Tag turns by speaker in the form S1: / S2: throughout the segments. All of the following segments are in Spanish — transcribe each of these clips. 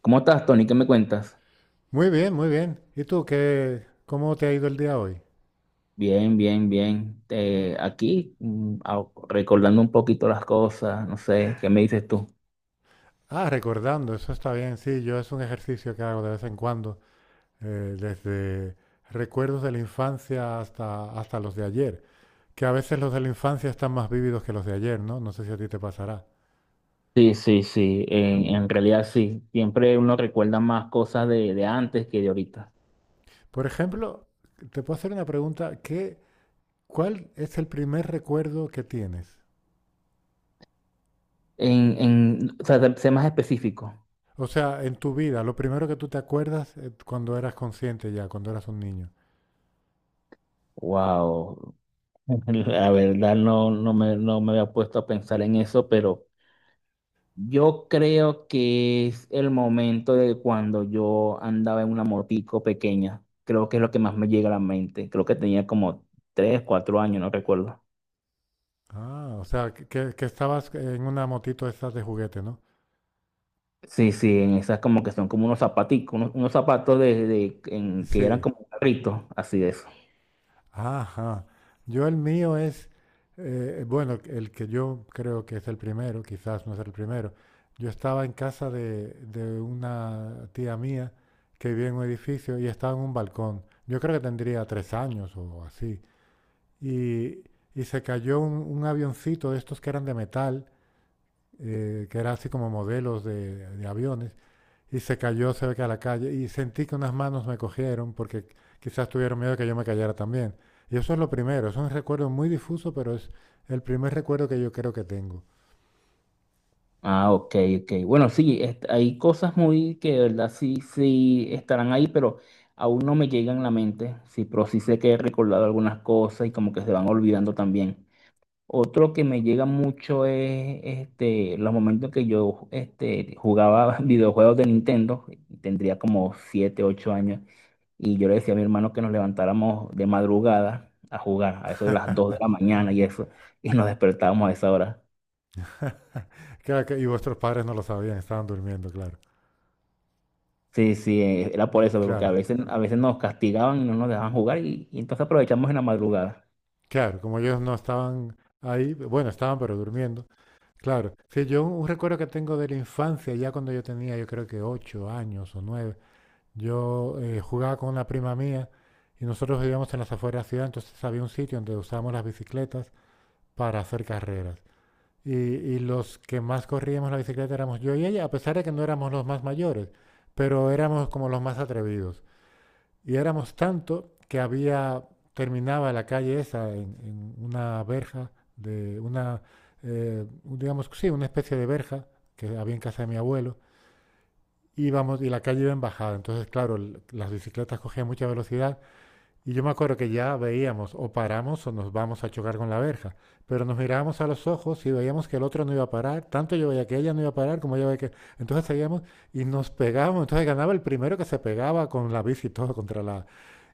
S1: ¿Cómo estás, Tony? ¿Qué me cuentas?
S2: Muy bien, muy bien. ¿Y tú qué, cómo te ha ido el día hoy?
S1: Bien, bien, bien. Aquí recordando un poquito las cosas, no sé, ¿qué me dices tú?
S2: Ah, recordando, eso está bien, sí, yo es un ejercicio que hago de vez en cuando, desde recuerdos de la infancia hasta los de ayer, que a veces los de la infancia están más vívidos que los de ayer, ¿no? No sé si a ti te pasará.
S1: Sí, sí, sí, en realidad sí. Siempre uno recuerda más cosas de antes que de ahorita.
S2: Por ejemplo, te puedo hacer una pregunta, ¿ cuál es el primer recuerdo que tienes?
S1: O sea, sé más específico.
S2: O sea, en tu vida, lo primero que tú te acuerdas cuando eras consciente ya, cuando eras un niño.
S1: Wow. La verdad no, no me había puesto a pensar en eso, pero... Yo creo que es el momento de cuando yo andaba en una motico pequeña. Creo que es lo que más me llega a la mente. Creo que tenía como 3, 4 años, no recuerdo.
S2: Ah, o sea, que estabas en una motito de estas de juguete, ¿no?
S1: Sí, sí, en esas como que son como unos zapaticos, unos zapatos que eran
S2: Sí.
S1: como carritos, así de eso.
S2: Ajá. Yo el mío es, bueno, el que yo creo que es el primero, quizás no es el primero. Yo estaba en casa de una tía mía que vivía en un edificio y estaba en un balcón. Yo creo que tendría 3 años o así. Y, y se cayó un avioncito de estos que eran de metal, que era así como modelos de aviones. Y se cayó cerca de la calle y sentí que unas manos me cogieron porque quizás tuvieron miedo de que yo me cayera también. Y eso es lo primero, es un recuerdo muy difuso, pero es el primer recuerdo que yo creo que tengo.
S1: Ah, ok, ok. Bueno, sí, hay cosas muy que de verdad sí, sí estarán ahí, pero aún no me llegan a la mente. Sí, pero sí sé que he recordado algunas cosas y como que se van olvidando también. Otro que me llega mucho es los momentos que yo jugaba videojuegos de Nintendo, tendría como 7 u 8 años, y yo le decía a mi hermano que nos levantáramos de madrugada a jugar, a eso de las 2 de la mañana y eso, y nos despertábamos a esa hora.
S2: Claro y vuestros padres no lo sabían, estaban durmiendo, claro.
S1: Sí, sí, era por eso, porque a
S2: Claro,
S1: veces, a veces nos castigaban y no nos dejaban jugar, y entonces aprovechamos en la madrugada.
S2: claro, como ellos no estaban ahí, bueno, estaban pero durmiendo. Claro, sí, yo un recuerdo que tengo de la infancia, ya cuando yo tenía, yo creo que 8 años o 9. Yo jugaba con una prima mía y nosotros vivíamos en las afueras de la ciudad, entonces había un sitio donde usábamos las bicicletas para hacer carreras. Y los que más corríamos la bicicleta éramos yo y ella, a pesar de que no éramos los más mayores, pero éramos como los más atrevidos. Y éramos tanto que había, terminaba la calle esa en una verja de una, eh, digamos, sí, una especie de verja que había en casa de mi abuelo, y vamos y la calle iba en bajada. Entonces, claro, las bicicletas cogían mucha velocidad y yo me acuerdo que ya veíamos o paramos o nos vamos a chocar con la verja. Pero nos mirábamos a los ojos y veíamos que el otro no iba a parar. Tanto yo veía que ella no iba a parar como ella veía que… Entonces seguíamos y nos pegábamos. Entonces ganaba el primero que se pegaba con la bici y todo contra la…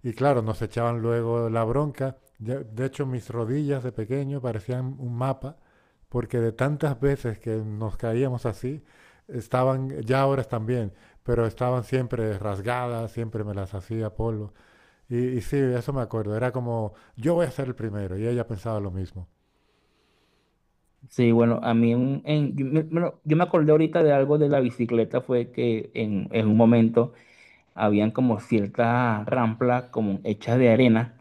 S2: Y claro, nos echaban luego la bronca. De hecho, mis rodillas de pequeño parecían un mapa porque de tantas veces que nos caíamos así, estaban, ya ahora están bien, pero estaban siempre rasgadas, siempre me las hacía polvo. Y y sí, eso me acuerdo, era como, yo voy a ser el primero, y ella pensaba lo mismo.
S1: Sí, bueno, a mí un- en- yo, me yo me acordé ahorita de algo de la bicicleta, fue que en un momento habían como ciertas ramplas como hechas de arena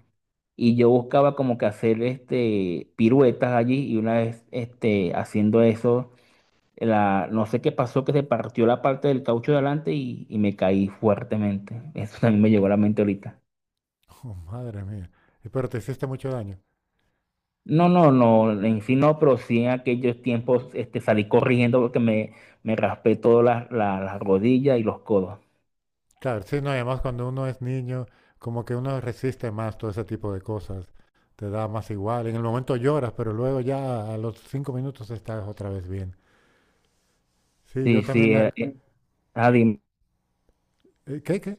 S1: y yo buscaba como que hacer piruetas allí y una vez haciendo eso no sé qué pasó que se partió la parte del caucho de adelante y me caí fuertemente. Eso también me llegó a la mente ahorita.
S2: Oh, madre mía, y pero te hiciste mucho daño.
S1: No, no, no, en sí no, pero sí en aquellos tiempos salí corriendo porque me raspé todas las rodillas y los codos.
S2: Claro, sí, no, y además cuando uno es niño, como que uno resiste más todo ese tipo de cosas, te da más igual, en el momento lloras, pero luego ya a los 5 minutos estás otra vez bien. Sí, yo
S1: Sí,
S2: también
S1: sí,
S2: me…
S1: Adi,
S2: ¿Qué, qué?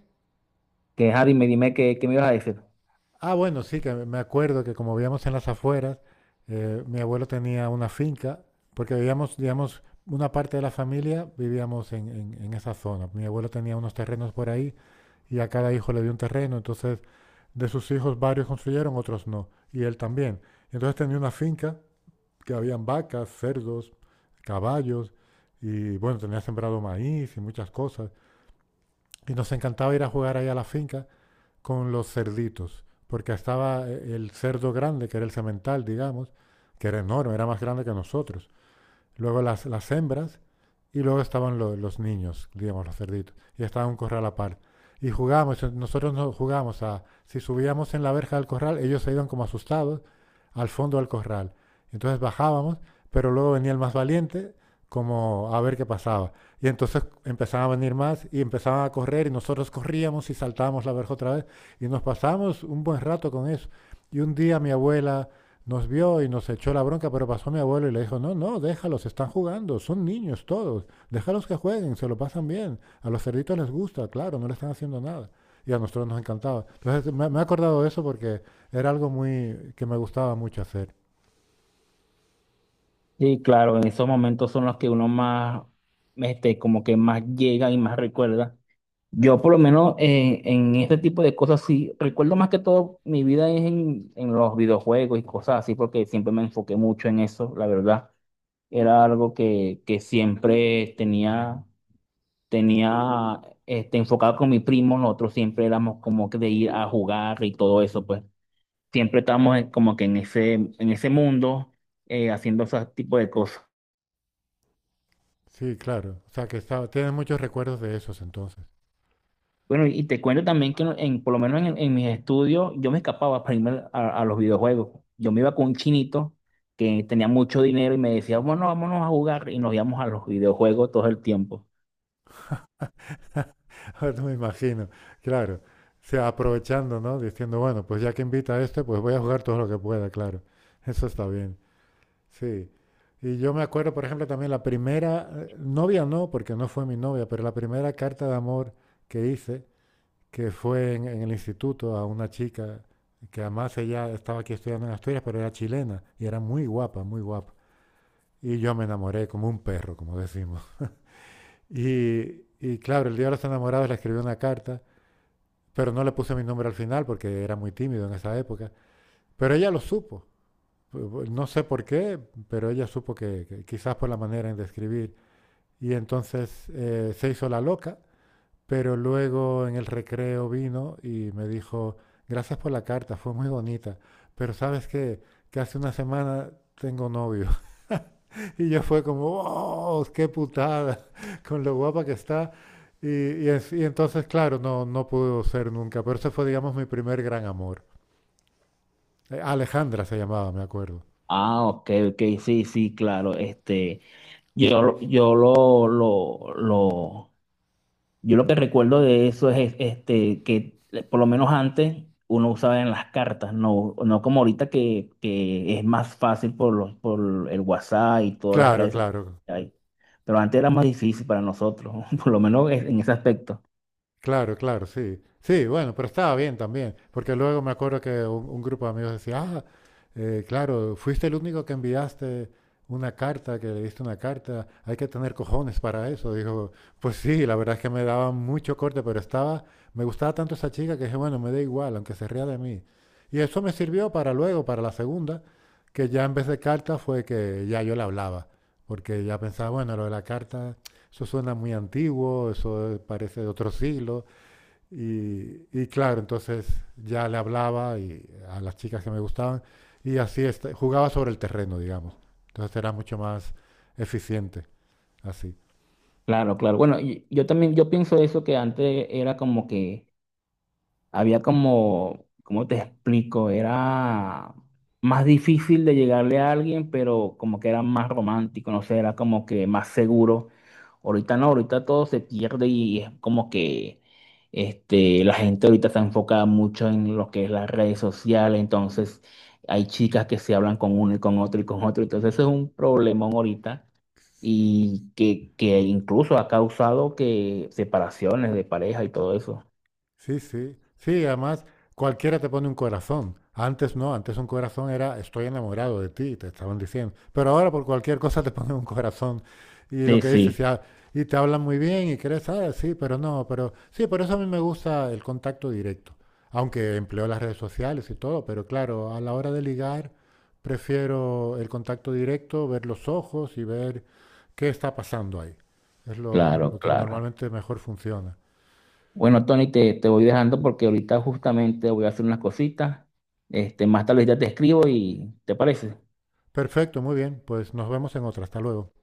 S1: que Adi, me dime qué me ibas a decir.
S2: Ah, bueno, sí, que me acuerdo que como vivíamos en las afueras, mi abuelo tenía una finca, porque vivíamos, digamos, una parte de la familia vivíamos en esa zona. Mi abuelo tenía unos terrenos por ahí y a cada hijo le dio un terreno, entonces de sus hijos varios construyeron, otros no, y él también. Entonces tenía una finca que habían vacas, cerdos, caballos, y bueno, tenía sembrado maíz y muchas cosas. Y nos encantaba ir a jugar ahí a la finca con los cerditos, porque estaba el cerdo grande, que era el semental, digamos, que era enorme, era más grande que nosotros. Luego las hembras y luego estaban los niños, digamos, los cerditos, y estaba un corral a par. Y jugábamos, nosotros no jugábamos a, si subíamos en la verja del corral, ellos se iban como asustados al fondo del corral. Entonces bajábamos, pero luego venía el más valiente como a ver qué pasaba. Y entonces empezaban a venir más y empezaban a correr y nosotros corríamos y saltábamos la verja otra vez y nos pasamos un buen rato con eso. Y un día mi abuela nos vio y nos echó la bronca, pero pasó mi abuelo y le dijo, no, no, déjalos, están jugando, son niños todos. Déjalos que jueguen, se lo pasan bien. A los cerditos les gusta, claro, no le están haciendo nada. Y a nosotros nos encantaba. Entonces me he acordado de eso porque era algo muy que me gustaba mucho hacer.
S1: Sí, claro, en esos momentos son los que uno más, como que más llega y más recuerda. Yo por lo menos en este tipo de cosas sí, recuerdo más que todo mi vida es en los videojuegos y cosas así, porque siempre me enfoqué mucho en eso, la verdad. Era algo que siempre tenía enfocado con mi primo, nosotros siempre éramos como que de ir a jugar y todo eso, pues siempre estábamos como que en ese mundo haciendo ese tipo de cosas.
S2: Sí, claro. O sea que estaba, tienes muchos recuerdos de esos entonces.
S1: Bueno, y te cuento también que por lo menos en mis estudios yo me escapaba para irme a los videojuegos. Yo me iba con un chinito que tenía mucho dinero y me decía, bueno, vámonos a jugar y nos íbamos a los videojuegos todo el tiempo.
S2: Ahora no me imagino, claro. O sea, aprovechando, ¿no? Diciendo, bueno, pues ya que invita a este, pues voy a jugar todo lo que pueda, claro. Eso está bien. Sí. Y yo me acuerdo, por ejemplo, también la primera, novia no, porque no fue mi novia, pero la primera carta de amor que hice que fue en el instituto a una chica que además ella estaba aquí estudiando en Asturias, pero era chilena y era muy guapa, muy guapa. Y yo me enamoré como un perro, como decimos. Y y claro, el día de los enamorados le escribí una carta, pero no le puse mi nombre al final porque era muy tímido en esa época. Pero ella lo supo. No sé por qué, pero ella supo que quizás por la manera en de escribir. Y entonces se hizo la loca. Pero luego en el recreo vino y me dijo, gracias por la carta, fue muy bonita, pero sabes qué, que hace una semana tengo novio. Y yo fue como, oh, qué putada, con lo guapa que está. Y entonces, claro, no, no pudo ser nunca, pero ese fue, digamos, mi primer gran amor. Alejandra se llamaba, me acuerdo.
S1: Ah, ok, ok, sí, sí, claro. Yo, lo- yo lo, lo, lo, Yo lo que recuerdo de eso es que por lo menos antes uno usaba en las cartas, no, no como ahorita que es más fácil por por el WhatsApp y todas las
S2: Claro,
S1: redes sociales
S2: claro.
S1: que hay. Pero antes era más difícil para nosotros, por lo menos en ese aspecto.
S2: Claro, claro, sí. Sí, bueno, pero estaba bien también, porque luego me acuerdo que un grupo de amigos decía, ah, claro, fuiste el único que enviaste una carta, que le diste una carta, hay que tener cojones para eso. Dijo, pues sí, la verdad es que me daba mucho corte, pero estaba, me gustaba tanto esa chica que dije, bueno, me da igual, aunque se ría de mí. Y eso me sirvió para luego, para la segunda, que ya en vez de carta fue que ya yo le hablaba, porque ya pensaba, bueno, lo de la carta eso suena muy antiguo, eso parece de otro siglo. Y y claro, entonces ya le hablaba y a las chicas que me gustaban y así jugaba sobre el terreno, digamos. Entonces era mucho más eficiente así.
S1: Claro, claro. Bueno, yo también, yo pienso eso que antes era como que... había como, ¿cómo te explico? Era más difícil de llegarle a alguien, pero como que era más romántico, no sé, era como que más seguro. Ahorita no, ahorita todo se pierde y es como que la gente ahorita se enfoca mucho en lo que es las redes sociales, entonces hay chicas que se hablan con uno y con otro, entonces eso es un problemón ahorita y que incluso ha causado que separaciones de pareja y todo eso.
S2: Sí, sí. Sí, además cualquiera te pone un corazón. Antes no, antes un corazón era estoy enamorado de ti, te estaban diciendo. Pero ahora por cualquier cosa te ponen un corazón. Y lo
S1: Sí,
S2: que dices,
S1: sí.
S2: ya, y te hablan muy bien y crees, ah, sí, pero no, pero sí, por eso a mí me gusta el contacto directo. Aunque empleo las redes sociales y todo, pero claro, a la hora de ligar prefiero el contacto directo, ver los ojos y ver qué está pasando ahí. Es
S1: Claro,
S2: lo que
S1: claro.
S2: normalmente mejor funciona.
S1: Bueno, Tony, te voy dejando porque ahorita justamente voy a hacer unas cositas. Más tarde ya te escribo y ¿te parece?
S2: Perfecto, muy bien. Pues nos vemos en otra. Hasta luego.